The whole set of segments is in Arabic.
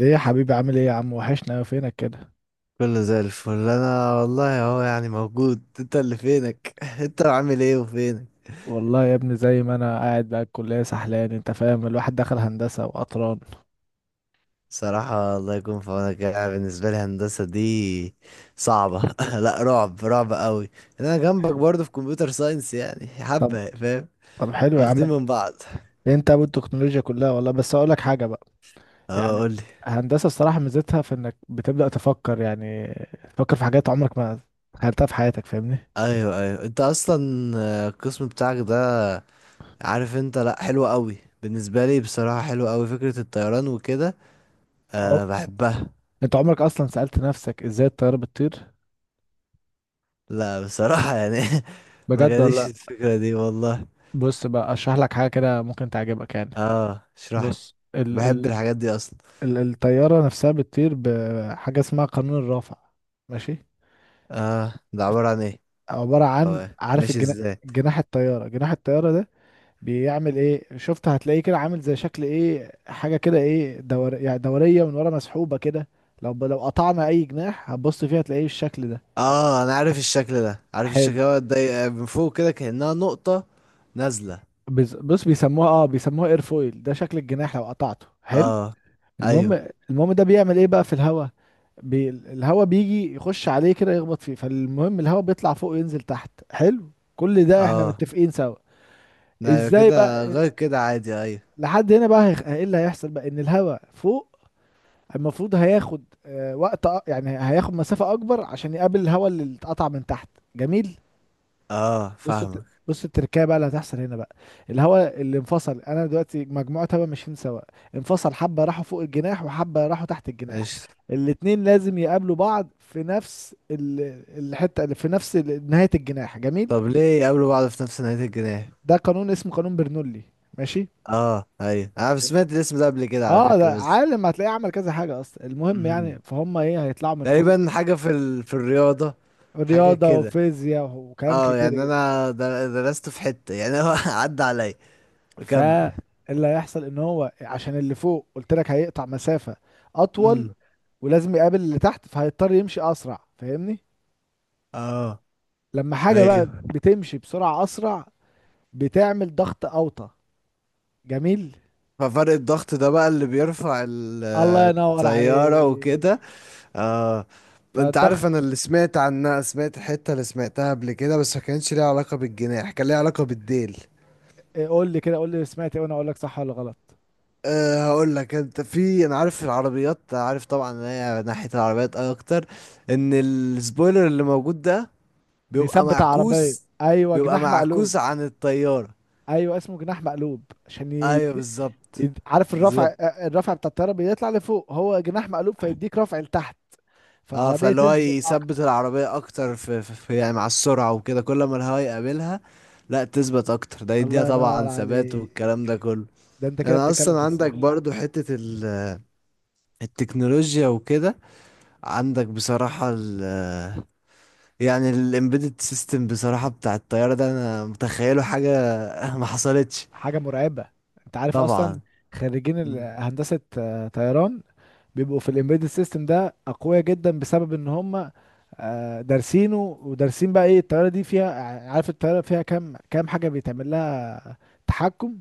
ايه يا حبيبي، عامل ايه يا عم؟ وحشنا أوي، فينك كده؟ كله زي الفل. انا والله اهو يعني موجود، انت اللي فينك. انت عامل ايه وفينك؟ والله يا ابني، زي ما انا قاعد بقى الكليه سحلان. انت فاهم؟ الواحد دخل هندسه وقطران. صراحة الله يكون في عونك، يعني بالنسبة لي هندسة دي صعبة. لا رعب، رعب قوي. انا جنبك برضه في كمبيوتر ساينس، يعني طب حبة فاهم. طب حلو يا عم. واخدين من بعض. انت ابو التكنولوجيا كلها والله، بس اقول لك حاجه بقى. اه يعني قولي. هندسه الصراحه ميزتها في انك بتبدا تفكر يعني، تفكر في حاجات عمرك ما تخيلتها في حياتك، فاهمني؟ ايوه ايوه، انت اصلا القسم بتاعك ده، عارف انت؟ لا حلو قوي، بالنسبة لي بصراحة حلو قوي فكرة الطيران وكده. أه. أه بحبها. انت عمرك اصلا سالت نفسك ازاي الطياره بتطير؟ لا بصراحة يعني ما بجد ولا جاليش لأ؟ الفكرة دي والله. بص بقى اشرح لك حاجه كده ممكن تعجبك يعني. اه اشرح لي، بص بحب الحاجات دي اصلا. الطيارة نفسها بتطير بحاجة اسمها قانون الرافع، ماشي؟ اه ده عبارة عن ايه؟ عبارة عن، اه عارف ماشي، ازاي؟ جناح الطيارة ده بيعمل ايه؟ شفت، هتلاقيه كده عامل زي شكل ايه، حاجة كده، ايه يعني دورية من ورا مسحوبة كده. لو قطعنا اي جناح هتبص فيها تلاقيه الشكل ده. اه انا عارف الشكل ده، عارف الشكل حلو. ده، ده من فوق كده كأنها نقطة نازلة. بص، بيسموها ايرفويل، ده شكل الجناح لو قطعته. حلو. اه ايوه. المهم. المهم ده بيعمل ايه بقى في الهواء؟ الهواء بيجي يخش عليه كده يخبط فيه، فالمهم الهواء بيطلع فوق وينزل تحت. حلو، كل ده احنا اه متفقين سوا. لا، ايوه ازاي كده، بقى؟ غير كده عادي، ايوه. لحد هنا بقى ايه اللي هيحصل بقى؟ ان الهواء فوق المفروض هياخد وقت، يعني هياخد مسافة اكبر عشان يقابل الهواء اللي اتقطع من تحت. جميل. اه فاهمك. بص التركية بقى اللي هتحصل هنا بقى. الهواء اللي انفصل، انا دلوقتي مجموعة هواء ماشيين سوا، انفصل حبة راحوا فوق الجناح وحبة راحوا تحت الجناح. ايش؟ الاتنين لازم يقابلوا بعض في نفس الحتة، اللي في نفس نهاية الجناح. جميل. طب ليه يقابلوا بعض في نفس نهاية الجناح؟ ده قانون اسمه قانون برنولي، ماشي؟ اه ايوه، انا جميل. سمعت الاسم ده قبل كده على اه ده فكرة. عالم هتلاقيه عمل كذا حاجة اصلا. بس المهم يعني فهم ايه هيطلعوا من فوق، تقريبا حاجة في ال... في الرياضة، حاجة رياضة كده. وفيزياء وكلام اه كتير يعني جدا. انا درست في حتة يعني هو عدى عليا. بكمل. فاللي هيحصل ان هو عشان اللي فوق قلت لك هيقطع مسافة اطول، امم. ولازم يقابل اللي تحت فهيضطر يمشي اسرع، فاهمني؟ اه لما حاجه بقى ايوه. بتمشي بسرعه اسرع بتعمل ضغط اوطى. جميل، ففرق الضغط ده بقى اللي بيرفع ال- الله ينور الطيارة عليك. وكده. اه. انت فالضغط. عارف، انا اللي سمعت عنها، سمعت الحتة اللي سمعتها قبل كده، بس ما كانش ليها علاقة بالجناح، كان ليها علاقة بالديل. إيه، قول لي كده، قول لي سمعت ايه وانا اقول لك صح ولا غلط. أه هقول لك. انت في، انا عارف العربيات، عارف طبعا ان هي ناحية العربيات اكتر. ان السبويلر اللي موجود ده بيبقى بيثبت العربيه، معكوس، ايوه بيبقى جناح مقلوب. معكوس عن الطيارة. ايوه اسمه جناح مقلوب عشان ايوه بالظبط. عارف الرفع، بالظبط. الرفع بتاع الطياره بيطلع لفوق، هو جناح مقلوب فيديك رفع لتحت. اه فالعربيه فاللي هو تثبت اكتر. يثبت العربية اكتر في يعني مع السرعة وكده كل ما الهواء يقابلها. لا تثبت اكتر، ده يديها الله ينور طبعا ثبات عليك، والكلام ده كله. ده انت كده انا بتتكلم اصلا في عندك الصح. برضو حتة ال- التكنولوجيا وكده. عندك بصراحة ال يعني الامبيدد سيستم، بصراحة بتاع الطيارة ده انا متخيله حاجة ما حصلتش. حاجة مرعبة. انت عارف اصلا طبعا. خريجين مم. هندسة طيران بيبقوا في الامبيدد سيستم ده اقوياء جدا، بسبب ان هم دارسينه ودارسين بقى ايه الطيارة دي فيها. عارف الطيارة فيها كام حاجة بيتعمل لها تحكم؟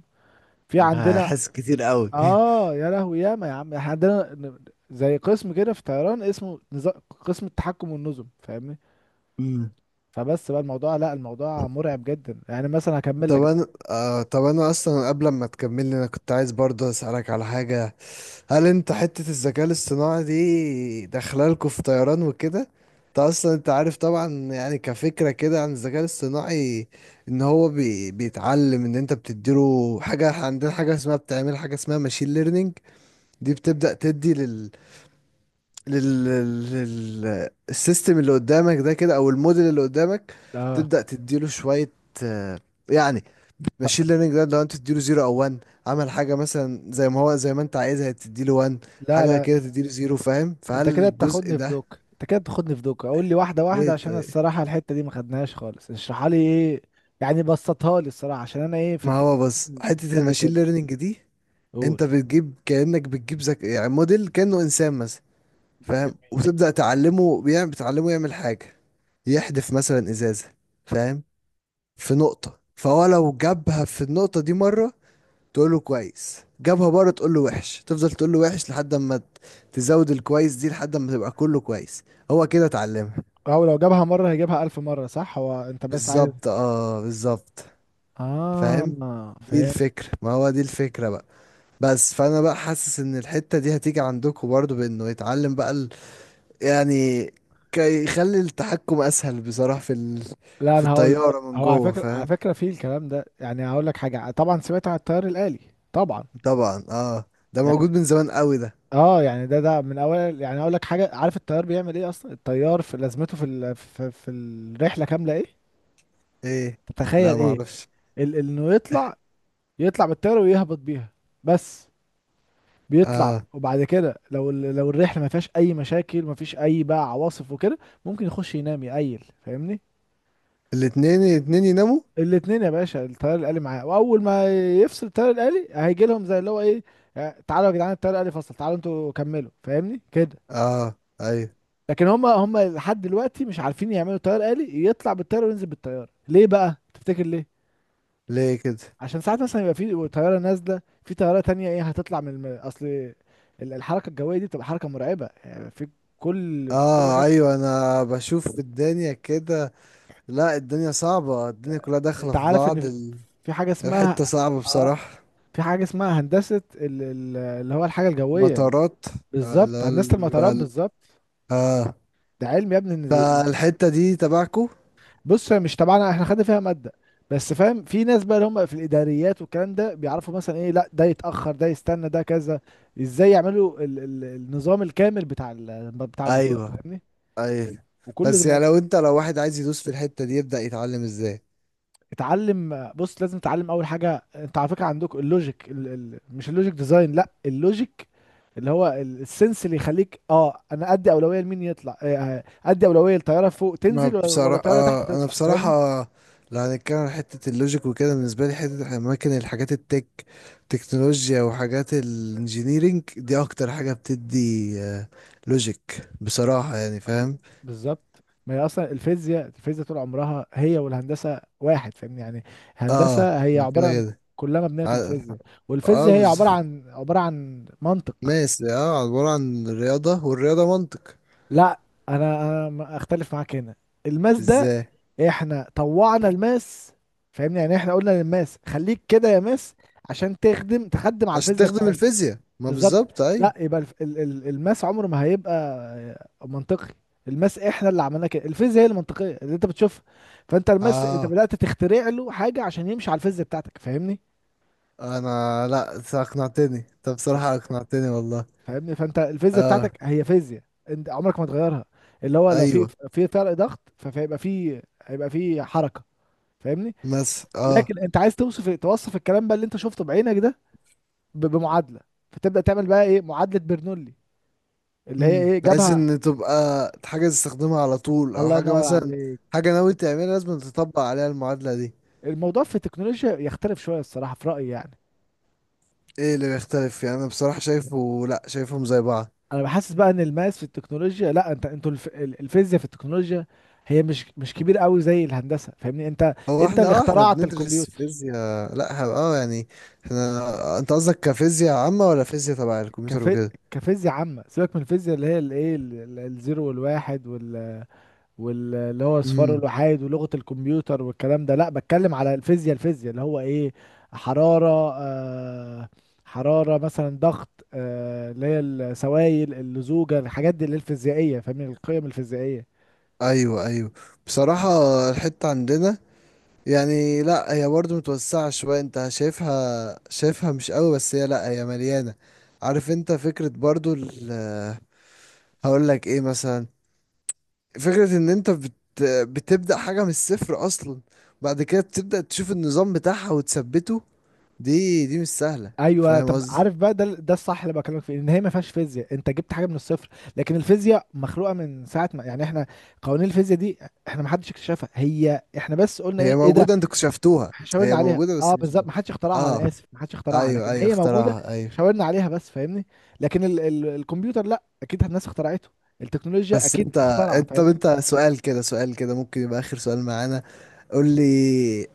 في عندنا، هحس كتير قوي اه يا لهوي ياما يا عم، احنا عندنا زي قسم كده في طيران اسمه قسم التحكم والنظم، فاهمني؟ مم. فبس بقى الموضوع، لا الموضوع مرعب جدا يعني، مثلا هكمل لك طب بقى. انا طب انا اصلا قبل ما تكملي انا كنت عايز برضه اسالك على حاجه. هل انت حته الذكاء الاصطناعي دي داخله لكم في طيران وكده؟ انت اصلا انت عارف طبعا يعني كفكره كده عن الذكاء الاصطناعي. ان هو بيتعلم ان انت بتديله حاجه. إحنا عندنا حاجه اسمها، بتعمل حاجه اسمها ماشين ليرنينج. دي بتبدا تدي لل لل السيستم اللي قدامك ده كده، او الموديل اللي قدامك. اه، تبدا تديله شويه آه، يعني. ماشين ليرنينج ده لو انت تديله زيرو او 1، عمل حاجه مثلا زي ما هو، زي ما انت عايزها تديله 1، لا حاجه لا كده تديله زيرو، فاهم؟ فهل انت كده الجزء بتاخدني في ده؟ دوك، انت كده بتاخدني في دوك، اقول لي واحده ليه واحده عشان طيب؟ الصراحه الحته دي ما خدناهاش خالص. اشرحها لي ايه يعني، بسطها لي الصراحه عشان انا ايه في ما هو بص، التكنولوجيا حته مش قد الماشين كده. ليرنينج دي، قول. انت بتجيب كانك بتجيب يعني موديل كانه انسان مثلا، فاهم؟ جميل. وتبدا تعلمه، بتعلمه يعمل حاجه، يحدف مثلا ازازه، فاهم؟ في نقطه، فهو لو جابها في النقطه دي مره تقول له كويس، جابها بره تقول له وحش، تفضل تقول له وحش لحد اما تزود الكويس دي لحد اما تبقى كله كويس، هو كده اتعلمها. او لو جابها مره هيجيبها الف مره، صح؟ هو انت بس عايز. بالظبط اه، بالظبط. فاهم. اه دي فاهم. الفكرة، ما هو دي الفكرة بقى. بس فانا بقى حاسس ان الحتة دي هتيجي عندكم برضو، بانه يتعلم بقى ال... يعني كي يخلي التحكم اسهل بصراحة في ال... لا في انا هقول لك، الطيارة من هو على جوه، فكره على فاهم؟ فكره في الكلام ده يعني، هقول لك حاجه. طبعا سمعت عن التيار الآلي؟ طبعا. طبعا. اه ده موجود يعني من زمان قوي ده. اه يعني ده من اول يعني، اقول لك حاجه، عارف التيار بيعمل ايه اصلا؟ التيار في لازمته في في الرحله كامله ايه ايه؟ لا تتخيل ايه؟ معرفش. انه يطلع، يطلع بالطياره ويهبط بيها، بس. بيطلع اه. وبعد كده لو لو الرحله ما فيهاش اي مشاكل، ما فيش اي بقى عواصف وكده، ممكن يخش ينام يقيل، فاهمني؟ الاتنين يناموا. الاتنين يا باشا، الطيار الآلي معاه، واول ما يفصل الطيار الآلي هيجي لهم زي اللي هو ايه، تعالوا يا جدعان الطيار الآلي فصل، تعالوا انتوا كملوا، فاهمني كده؟ اه ايوه. لكن هم لحد دلوقتي مش عارفين يعملوا طيار آلي يطلع بالطياره وينزل بالطياره. ليه بقى تفتكر ليه؟ ليه كده؟ عشان ساعات مثلا يبقى في طياره نازله في طياره تانية، ايه هتطلع من اصل الحركه الجويه دي بتبقى حركه مرعبه يعني، في كل اه حته. ايوه انا بشوف الدنيا كده. لا الدنيا صعبة، الدنيا كلها داخلة انت في عارف ان بعض في ال- في حاجه الحتة اسمها، صعبة اه بصراحة. في حاجه اسمها هندسه اللي هو الحاجه الجويه. مطارات. آه بالظبط، لا ال- هندسه بيبقى المطارات ال- بالظبط. اه. ده علم يا ابني. فالحتة دي تبعكو. بص هي مش تبعنا، احنا خدنا فيها ماده بس. فاهم، في ناس بقى اللي هم في الاداريات والكلام ده بيعرفوا مثلا ايه، لا ده يتاخر ده يستنى ده كذا، ازاي يعملوا ال النظام الكامل بتاع ال بتاع المطار ايوه فاهمني؟ ايوه. وكل ده بس يعني لو انت لو واحد عايز يدوس في الحتة دي يبدأ يتعلم ازاي؟ اتعلم، بص لازم تتعلم اول حاجه. انت على فكره عندكم اللوجيك، ال ال مش اللوجيك ديزاين، لا اللوجيك اللي هو السنس اللي يخليك اه انا ادي اولويه لمين يطلع، ادي اولويه للطياره فوق تنزل ما ولا بصراحة الطياره تحت أنا تطلع، بصراحة فاهمني؟ لو هنتكلم عن حتة اللوجيك وكده، بالنسبة لي حتة أماكن الحاجات التك تكنولوجيا وحاجات الانجينيرينج دي أكتر حاجة بتدي آه، لوجيك بصراحة يعني، ب- فاهم؟ بالظبط. ما هي اصلا الفيزياء، الفيزياء طول عمرها هي والهندسه واحد، فاهمني يعني. اه هندسه هي ما كده عباره عن، كده. كلها مبنيه في ع-. الفيزياء. اه والفيزياء هي عباره عن عباره عن منطق. ماشي. اه عبارة عن الرياضة، والرياضة منطق. لا انا اختلف معاك هنا. الماس ده، ازاي؟ احنا طوعنا الماس، فاهمني يعني. احنا قلنا للماس خليك كده يا ماس عشان تخدم، تخدم على عشان الفيزياء تخدم بتاعتنا. الفيزياء. ما بالظبط. بالظبط ايوه. لا، يبقى الماس عمره ما هيبقى منطقي. الماس احنا اللي عملناه كده، الفيزياء هي المنطقيه اللي انت بتشوفها. فانت الماس انت اه بدات تخترع له حاجه عشان يمشي على الفيزياء بتاعتك، فاهمني؟ انا، لا أنت اقنعتني، انت بصراحة اقنعتني والله. فاهمني، فانت الفيزياء اه بتاعتك هي فيزياء، انت عمرك ما تغيرها، اللي هو لو في، ايوه. في فرق ضغط فهيبقى في هيبقى في حركه فاهمني؟ مثلا اه. لكن انت عايز توصف، توصف الكلام بقى اللي انت شفته بعينك ده بمعادله. فتبدا تعمل بقى ايه، معادله برنولي اللي هي امم. ايه بحيث جابها. ان تبقى حاجه تستخدمها على طول، او الله حاجه ينور مثلا، عليك. حاجه ناوي تعملها لازم تطبق عليها المعادله دي. الموضوع في التكنولوجيا يختلف شويه الصراحه، في رايي يعني. ايه اللي بيختلف يعني؟ انا بصراحه شايفه، لا شايفهم زي بعض. انا بحسس بقى ان الماس في التكنولوجيا، لا انت انتوا الفيزياء في التكنولوجيا هي مش كبير قوي زي الهندسه، فاهمني؟ انت هو انت احنا اللي اه احنا اخترعت بندرس الكمبيوتر. فيزياء لا اه يعني، احنا، انت قصدك كفيزياء عامه ولا فيزياء تبع الكمبيوتر كف... وكده؟ كفيزياء عامه، سيبك من الفيزياء اللي هي الايه الزيرو والواحد وال، واللي هو اصفار امم. الوحيد ولغة الكمبيوتر والكلام ده. لا بتكلم على الفيزياء، الفيزياء اللي هو ايه، حرارة، حرارة مثلا، ضغط، اللي هي السوائل، اللزوجة، الحاجات دي اللي هي الفيزيائية، فاهمني؟ القيم الفيزيائية. ايوه ايوه بصراحه الحته عندنا يعني، لا هي برضه متوسعة شوية، انت شايفها شايفها مش قوي بس هي، لا هي مليانة. عارف انت فكرة برضه ال، هقول لك ايه مثلا، فكرة ان انت بت بتبدأ حاجة من الصفر اصلا، بعد كده بتبدأ تشوف النظام بتاعها وتثبته، دي مش سهلة. ايوه فاهم طب قصدي؟ عارف بقى، ده الصح اللي بكلمك فيه، ان هي ما فيهاش فيزياء، انت جبت حاجه من الصفر. لكن الفيزياء مخلوقه من ساعه ما يعني احنا، قوانين الفيزياء دي احنا ما حدش اكتشفها، هي احنا بس قلنا هي ايه، ايه ده موجودة انتوا اكتشفتوها، إحنا هي شاورنا عليها. موجودة بس اه بالظبط، اكتشفتوها. ما حدش اخترعها، انا اه اسف ما حدش اخترعها، ايوه لكن ايوه هي موجوده، اخترعها ايوه. شاورنا عليها بس، فاهمني؟ لكن ال ال الكمبيوتر لا، اكيد الناس اخترعته، التكنولوجيا بس اكيد انت، مخترعه، انت طب فاهمني؟ انت سؤال كده، سؤال كده ممكن يبقى اخر سؤال معانا. قول لي،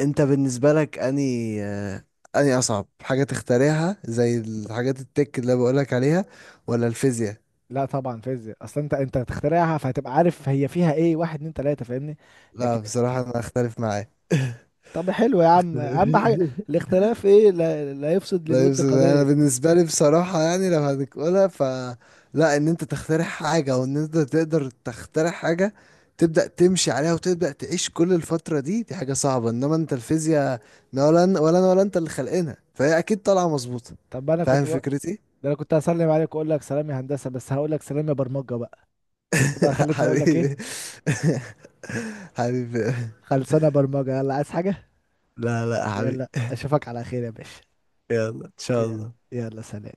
انت بالنسبة لك اني اني اصعب حاجة تختاريها زي الحاجات التك اللي بقولك عليها، ولا الفيزياء؟ لا طبعا فيزياء اصلا، انت هتخترعها فهتبقى عارف هي فيها ايه، واحد اتنين تلاته، فاهمني؟ لا لكن بصراحة انا اختلف معاه. طب حلو يا عم، اهم حاجه الاختلاف ايه، لا, لا يفسد لا للود يوسف، انا قضيه. بالنسبة لي بصراحة يعني لو هنقولها ف، لا ان انت تخترع حاجة، او ان انت تقدر تخترع حاجة تبدأ تمشي عليها وتبدأ تعيش كل الفترة دي، دي حاجة صعبة. انما انت الفيزياء، لا ولا ولا انا ولا انت اللي خلقنا، فهي اكيد طالعة مظبوطة. طب انا كنت فاهم فكرتي؟ ده انا كنت هسلم عليك واقول لك سلام يا هندسه، بس هقول لك سلام يا برمجه بقى. شفت بقى، خلتني اقول لك ايه؟ حبيبي حبيبي. خلصانه برمجه. يلا عايز حاجه؟ لا لا حبيبي. يلا اشوفك على خير يا باشا. يلا ان شاء يلا. الله. يلا سلام.